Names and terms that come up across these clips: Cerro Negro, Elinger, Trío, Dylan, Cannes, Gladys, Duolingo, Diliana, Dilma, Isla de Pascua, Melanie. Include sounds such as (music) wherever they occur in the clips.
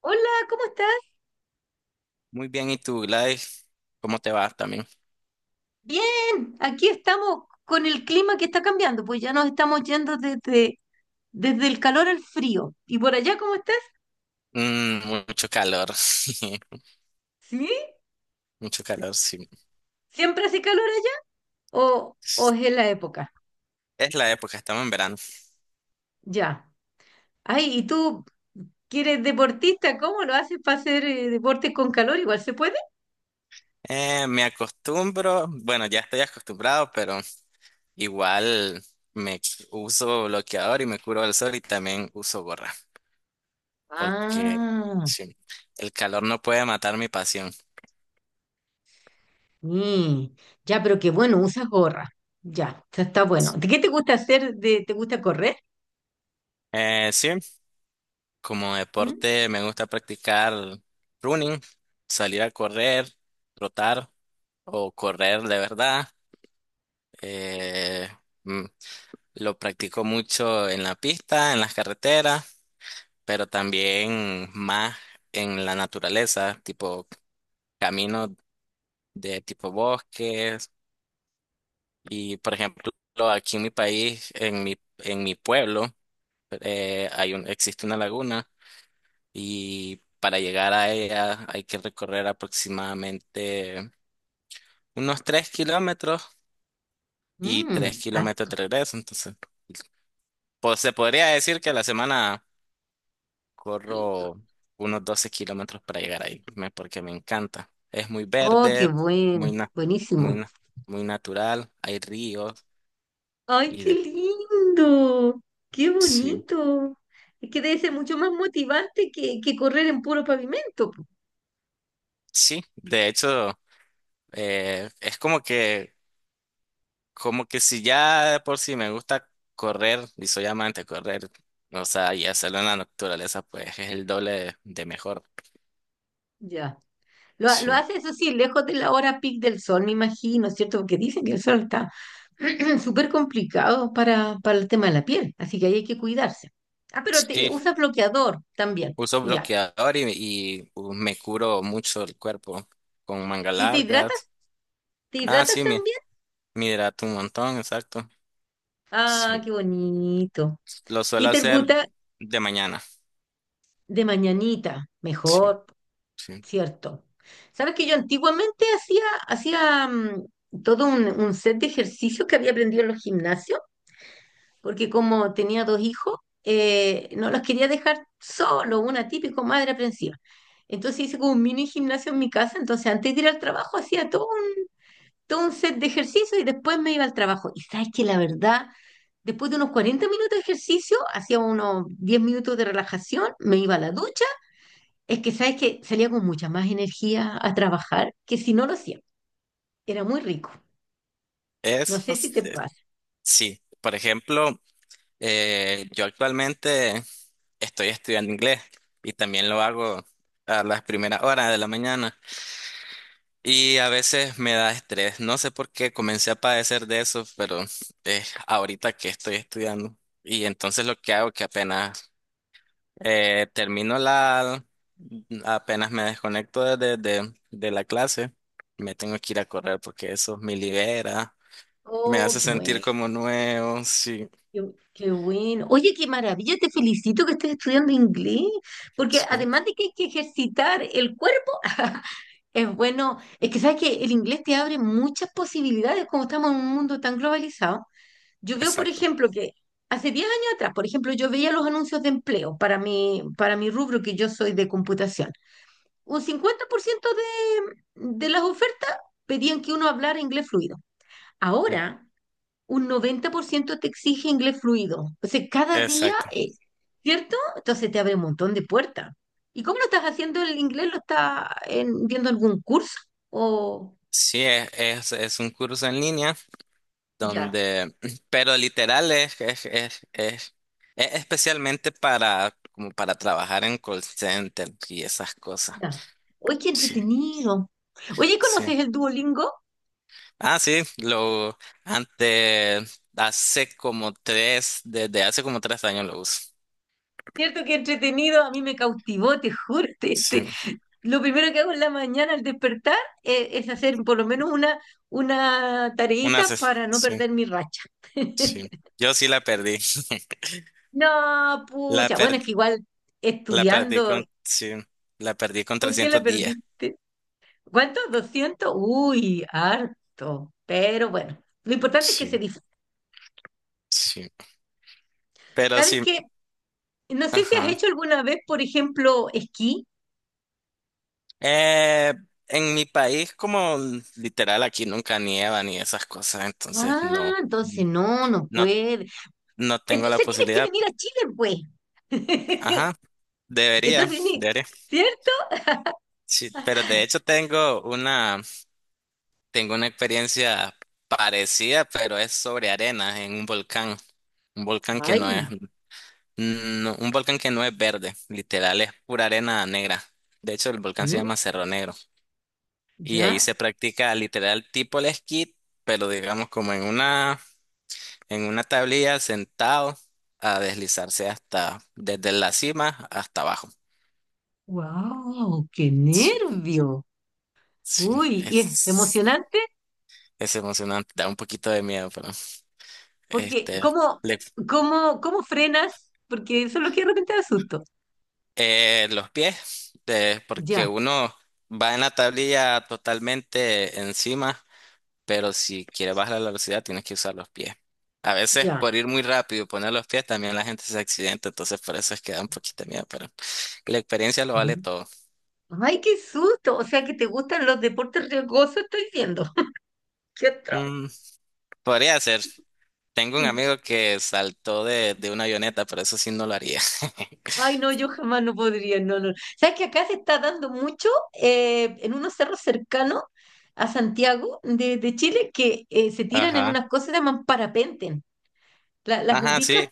Hola, ¿cómo estás? Muy bien, ¿y tú, Gladys? ¿Cómo te va también? Bien, aquí estamos con el clima que está cambiando, pues ya nos estamos yendo desde el calor al frío. ¿Y por allá cómo estás? Mucho calor, (laughs) ¿Sí? mucho calor, sí. ¿Siempre hace calor allá? ¿O es en la época? Es la época, estamos en verano. Ya. Ay, ¿y tú que eres deportista? ¿Cómo lo haces para hacer deporte con calor? ¿Igual se puede? Me acostumbro, bueno, ya estoy acostumbrado, pero igual me uso bloqueador y me curo del sol y también uso gorra, porque Ah, sí, el calor no puede matar mi pasión. mm, ya, pero qué bueno, usas gorra. Ya, está bueno. ¿De qué te gusta hacer? ¿Te gusta correr? Sí, como ¿Mm? deporte me gusta practicar running, salir a correr, trotar o correr de verdad. Eh, mm, lo practico mucho en la pista, en las carreteras, pero también más en la naturaleza, tipo caminos de tipo bosques. Y por ejemplo, aquí en mi país, en mi pueblo, existe una laguna y para llegar a ella hay que recorrer aproximadamente unos 3 kilómetros y 3 Mm, ah, kilómetros de regreso. Entonces, pues se podría decir que la semana. Corro unos 12 kilómetros para llegar ahí, porque me encanta. Es muy oh, qué verde, muy, na- muy, buenísimo. na- muy natural, hay ríos Ay, y qué de. lindo, qué Sí, bonito. Es que debe ser mucho más motivante que correr en puro pavimento, po. sí, de hecho, eh, es como que, como que si ya de por sí me gusta correr y soy amante de correr, o sea, y hacerlo en la naturaleza, pues es el doble de mejor. Ya. Lo Sí, hace eso sí, lejos de la hora pic del sol, me imagino, ¿cierto? Porque dicen que el sol está (clears throat) súper complicado para el tema de la piel, así que ahí hay que cuidarse. Ah, pero te sí, usas bloqueador también, uso ya. bloqueador y me curo mucho el cuerpo con mangas ¿Y te largas. hidratas? ¿Te Ah, hidratas sí, mi también? Mi hidrato un montón, exacto. Ah, Sí, qué bonito. lo suelo Y te hacer gusta de mañana. de mañanita, Sí, mejor. sí. Cierto. Sabes que yo antiguamente hacía todo un set de ejercicios que había aprendido en los gimnasios, porque como tenía dos hijos, no los quería dejar solo, una típico madre aprensiva. Entonces hice como un mini gimnasio en mi casa, entonces antes de ir al trabajo hacía todo un set de ejercicios y después me iba al trabajo. Y sabes que la verdad, después de unos 40 minutos de ejercicio, hacía unos 10 minutos de relajación, me iba a la ducha. Es que sabes que salía con mucha más energía a trabajar que si no lo hacía. Era muy rico. No Eso, sé si te eh, pasa. sí. Por ejemplo, yo actualmente estoy estudiando inglés y también lo hago a las primeras horas de la mañana y a veces me da estrés. No sé por qué comencé a padecer de eso, pero es ahorita que estoy estudiando. Y entonces lo que hago que Eh, termino la, apenas me desconecto de la clase, me tengo que ir a correr porque eso me libera, me Oh, hace qué bueno, sentir como nuevo, sí, qué, qué bueno. Oye, qué maravilla, te felicito que estés estudiando inglés, porque sí, además de que hay que ejercitar el cuerpo, (laughs) es bueno. Es que sabes que el inglés te abre muchas posibilidades como estamos en un mundo tan globalizado. Yo veo, por exacto, ejemplo, que hace 10 años atrás, por ejemplo, yo veía los anuncios de empleo para mi rubro, que yo soy de computación. Un 50% de las ofertas pedían que uno hablara inglés fluido. Ahora, un 90% te exige inglés fluido. O sea, cada día exacto. es, ¿cierto? Entonces te abre un montón de puertas. ¿Y cómo lo estás haciendo el inglés? ¿Lo estás viendo algún curso? O Sí, es un curso en línea ya, donde, (clears throat) pero literal es especialmente para, como para trabajar en call center y esas cosas. ya. Oye, qué Sí, entretenido. Oye, sí. ¿conoces el Duolingo? Ah, sí, lo antes, desde hace como 3 años lo uso. Cierto que entretenido, a mí me cautivó, te juro. Sí, Lo primero que hago en la mañana al despertar es hacer por lo menos una una, tareita se- para no sí, perder mi racha. sí. (laughs) Yo sí la perdí. (laughs) No, La pucha, bueno, per- es que igual la perdí estudiando, con, sí, la perdí con ¿por qué la 300 días. perdiste? ¿Cuántos? 200. Uy, harto. Pero bueno, lo importante es que se Sí, disfrute. sí. Pero ¿Sabes sí, qué? No sé si has ajá. hecho alguna vez, por ejemplo, esquí. Eh, en mi país, como literal aquí nunca nieva ni esas cosas, entonces Ah, entonces no, no no, puede. no tengo la Entonces tienes que posibilidad. venir a Chile, pues. (laughs) Ajá, debería, Entonces, debería. ¿cierto? Sí, pero de hecho tengo una experiencia parecida, pero es sobre arena en un volcán. Un volcán que no es, Ay, no- un volcán que no es verde, literal es pura arena negra. De hecho, el ¿sí? volcán se llama Cerro Negro. Y ahí ¿Ya? se practica literal tipo el esquí, pero digamos como en una tablilla sentado a deslizarse desde la cima hasta abajo. ¡Wow! ¡Qué Sí, nervio! sí, Uy, y es es, emocionante, es emocionante, da un poquito de miedo, pero. porque Este, ¿cómo, le- cómo, cómo frenas? Porque eso es lo que de repente da susto. los pies, porque Ya, uno va en la tablilla totalmente encima, pero si quieres bajar la velocidad tienes que usar los pies. A veces ya. por ir muy rápido y poner los pies también la gente se accidenta, entonces por eso es que da un poquito de miedo, pero la experiencia lo vale ¿Sí? todo. ¡Ay, qué susto! O sea que te gustan los deportes riesgosos, estoy viendo. (laughs) ¡Qué atroz! Mm, Podría ser. Tengo un amigo que saltó de una avioneta, pero eso sí no lo haría. Ay, (laughs) no, yo jamás no podría, no, no. ¿Sabes que acá se está dando mucho en unos cerros cercanos a Santiago de Chile que se tiran en Ajá. unas cosas que se llaman parapenten? Las Ajá, ubicas? sí,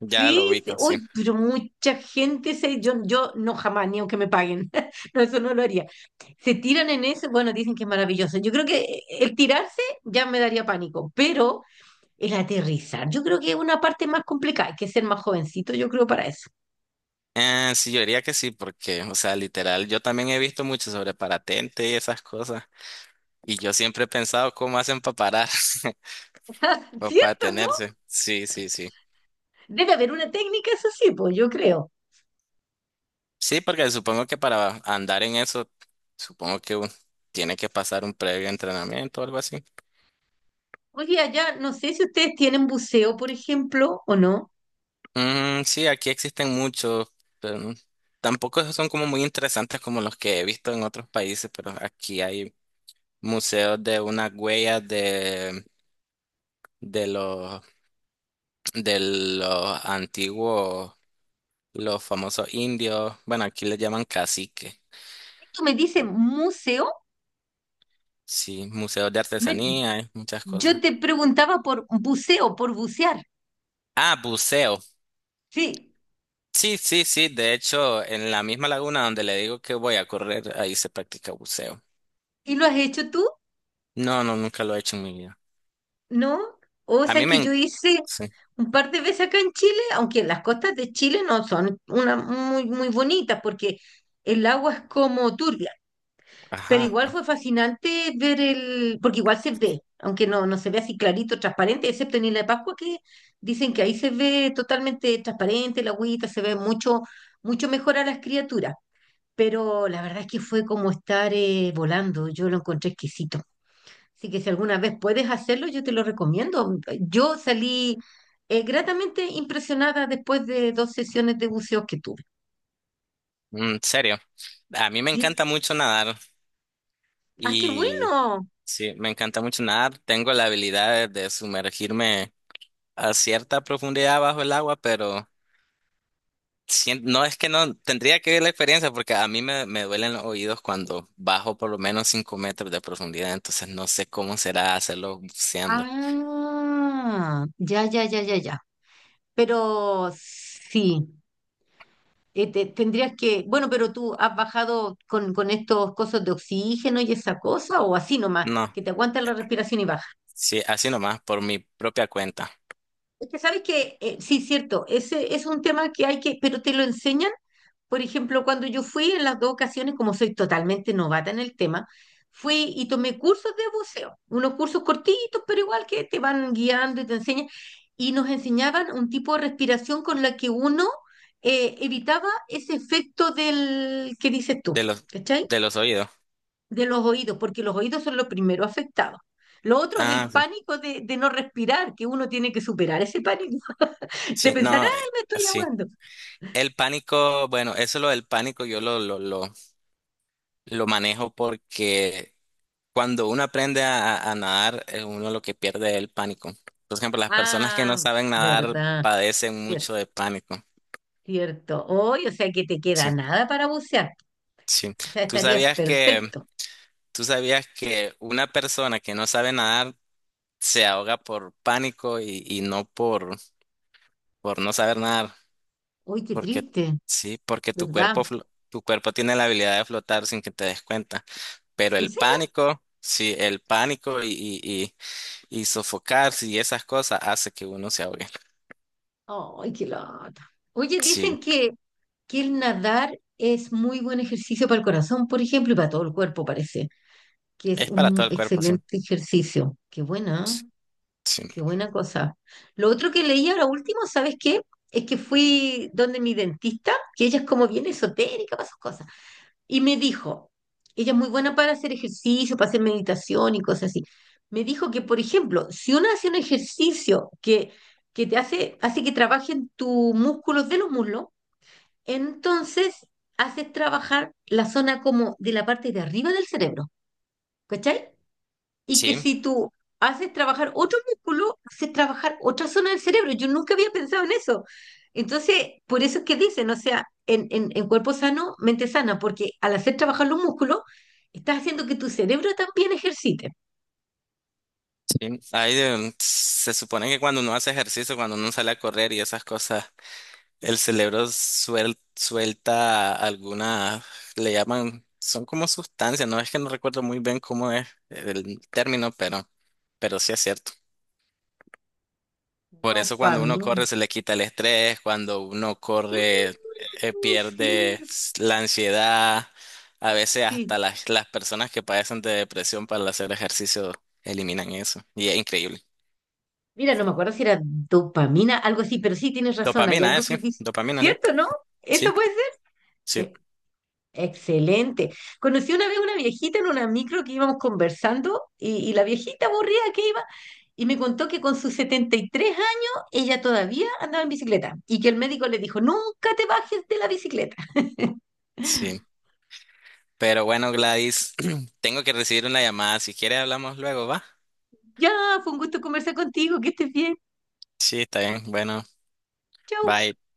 ya lo Sí, sí, ubico, sí. uy, pero mucha yo no jamás, ni aunque me paguen, (laughs) no, eso no lo haría. Se tiran en eso, bueno, dicen que es maravilloso. Yo creo que el tirarse ya me daría pánico, pero el aterrizar, yo creo que es una parte más complicada, hay que ser más jovencito, yo creo, para eso. Sí, yo diría que sí, porque, o sea, literal, yo también he visto mucho sobre parapente y esas cosas, y yo siempre he pensado cómo hacen para parar (laughs) (laughs) o para ¿Cierto, no? detenerse. Sí, sí, sí. Debe haber una técnica, eso sí, pues yo creo. Sí, porque supongo que para andar en eso, supongo que tiene que pasar un previo entrenamiento o algo así. Oye, allá, no sé si ustedes tienen buceo, por ejemplo, o no. Mm, sí, aquí existen muchos, pero tampoco esos son como muy interesantes como los que he visto en otros países, pero aquí hay museos de unas huellas de los de los antiguos, los famosos indios, bueno, aquí les llaman cacique, Tú me dices museo. sí, museos de Me- artesanía, muchas yo cosas. te preguntaba por buceo, por bucear. Ah, buceo. Sí. Sí, sí, sí, de hecho, en la misma laguna donde le digo que voy a correr, ahí se practica buceo. ¿Y lo has hecho tú? No, no, nunca lo he hecho en mi vida. ¿No? O A sea, mí me... que yo en- hice Sí, un par de veces acá en Chile, aunque las costas de Chile no son una muy, muy bonitas porque el agua es como turbia, pero ajá. igual fue fascinante ver porque igual se ve, aunque no se ve así clarito, transparente, excepto en Isla de Pascua que dicen que ahí se ve totalmente transparente la agüita, se ve mucho, mucho mejor a las criaturas. Pero la verdad es que fue como estar volando, yo lo encontré exquisito. Así que si alguna vez puedes hacerlo, yo te lo recomiendo. Yo salí gratamente impresionada después de dos sesiones de buceo que tuve. En serio. A mí me Sí. encanta mucho nadar ¡Ah, qué y bueno! sí, me encanta mucho nadar. Tengo la habilidad de sumergirme a cierta profundidad bajo el agua, pero. No es que no, tendría que ver la experiencia porque a mí me duelen los oídos cuando bajo por lo menos 5 metros de profundidad, entonces no sé cómo será hacerlo buceando. Ah, ya, ya, ya, ya, ya. Pero sí, tendrías que, bueno, pero tú has bajado con estos cosas de oxígeno y esa cosa, o así nomás, No, que te aguanta la respiración y baja. sí, así nomás, por mi propia cuenta, Es que sabes que, sí, cierto, ese es un tema que hay que, pero te lo enseñan. Por ejemplo, cuando yo fui en las dos ocasiones, como soy totalmente novata en el tema, fui y tomé cursos de buceo, unos cursos cortitos, pero igual que te van guiando y te enseñan, y nos enseñaban un tipo de respiración con la que uno evitaba ese efecto del que dices tú, de los, ¿cachai? de los oídos. De los oídos, porque los oídos son los primeros afectados. Lo otro es Ah, el sí. pánico de no respirar, que uno tiene que superar ese pánico, (laughs) de Sí, pensar, no, ay, me estoy sí. ahogando. El pánico, bueno, eso lo del pánico yo lo manejo porque cuando uno aprende a nadar, uno lo que pierde es el pánico. Por ejemplo, las personas que no Ah, saben nadar verdad. padecen mucho de pánico. Cierto. Hoy, o sea que te Sí. queda nada para bucear. Sí. O sea, ¿Tú estarías sabías que, perfecto. tú sabías que una persona que no sabe nadar se ahoga por pánico y no por no saber nadar? Uy, qué Porque, triste, sí, porque ¿verdad? Tu cuerpo tiene la habilidad de flotar sin que te des cuenta. Pero ¿En el serio? pánico, sí, el pánico y sofocarse y esas cosas hace que uno se ahogue. Ay, qué lata. Oye, Sí. dicen que el nadar es muy buen ejercicio para el corazón, por ejemplo, y para todo el cuerpo, parece, que es Es para un todo el cuerpo, sí. excelente ejercicio. Qué buena, ¿eh? Sí. Qué buena cosa. Lo otro que leí ahora último, ¿sabes qué? Es que fui donde mi dentista, que ella es como bien esotérica para sus cosas. Y me dijo, ella es muy buena para hacer ejercicio, para hacer meditación y cosas así. Me dijo que, por ejemplo, si uno hace un ejercicio que hace que trabajen tus músculos de los muslos, entonces haces trabajar la zona como de la parte de arriba del cerebro, ¿cachai? Y que Sí, si tú haces trabajar otro músculo, haces trabajar otra zona del cerebro. Yo nunca había pensado en eso. Entonces, por eso es que dicen, o sea, en cuerpo sano, mente sana, porque al hacer trabajar los músculos, estás haciendo que tu cerebro también ejercite. sí. Ahí, se supone que cuando uno hace ejercicio, cuando uno sale a correr y esas cosas. El cerebro suelta alguna, le llaman, son como sustancias, no es que no recuerdo muy bien cómo es el término, pero sí es cierto. Por eso cuando uno Dopamina. corre se le quita el estrés, cuando uno Sí, corre pierde sí, la ansiedad, a veces sí. hasta las personas que padecen de depresión para hacer ejercicio eliminan eso, y es increíble. Mira, no me acuerdo si era dopamina, algo así, pero sí tienes razón, hay Dopamina, algo sí, que dice, dopamina, sí, ¿cierto, no? sí, ¿Eso puede ser? sí, Sí. Excelente. Conocí una vez una viejita en una micro que íbamos conversando y la viejita aburrida que iba y me contó que con sus 73 años ella todavía andaba en bicicleta y que el médico le dijo, nunca te bajes de la bicicleta. (laughs) sí. Pero bueno, Gladys, (clears throat) tengo que recibir una llamada. Si quiere, hablamos luego, ¿va? Ya, fue un gusto conversar contigo, que estés bien. Sí, está bien. Bueno, Chau. bye.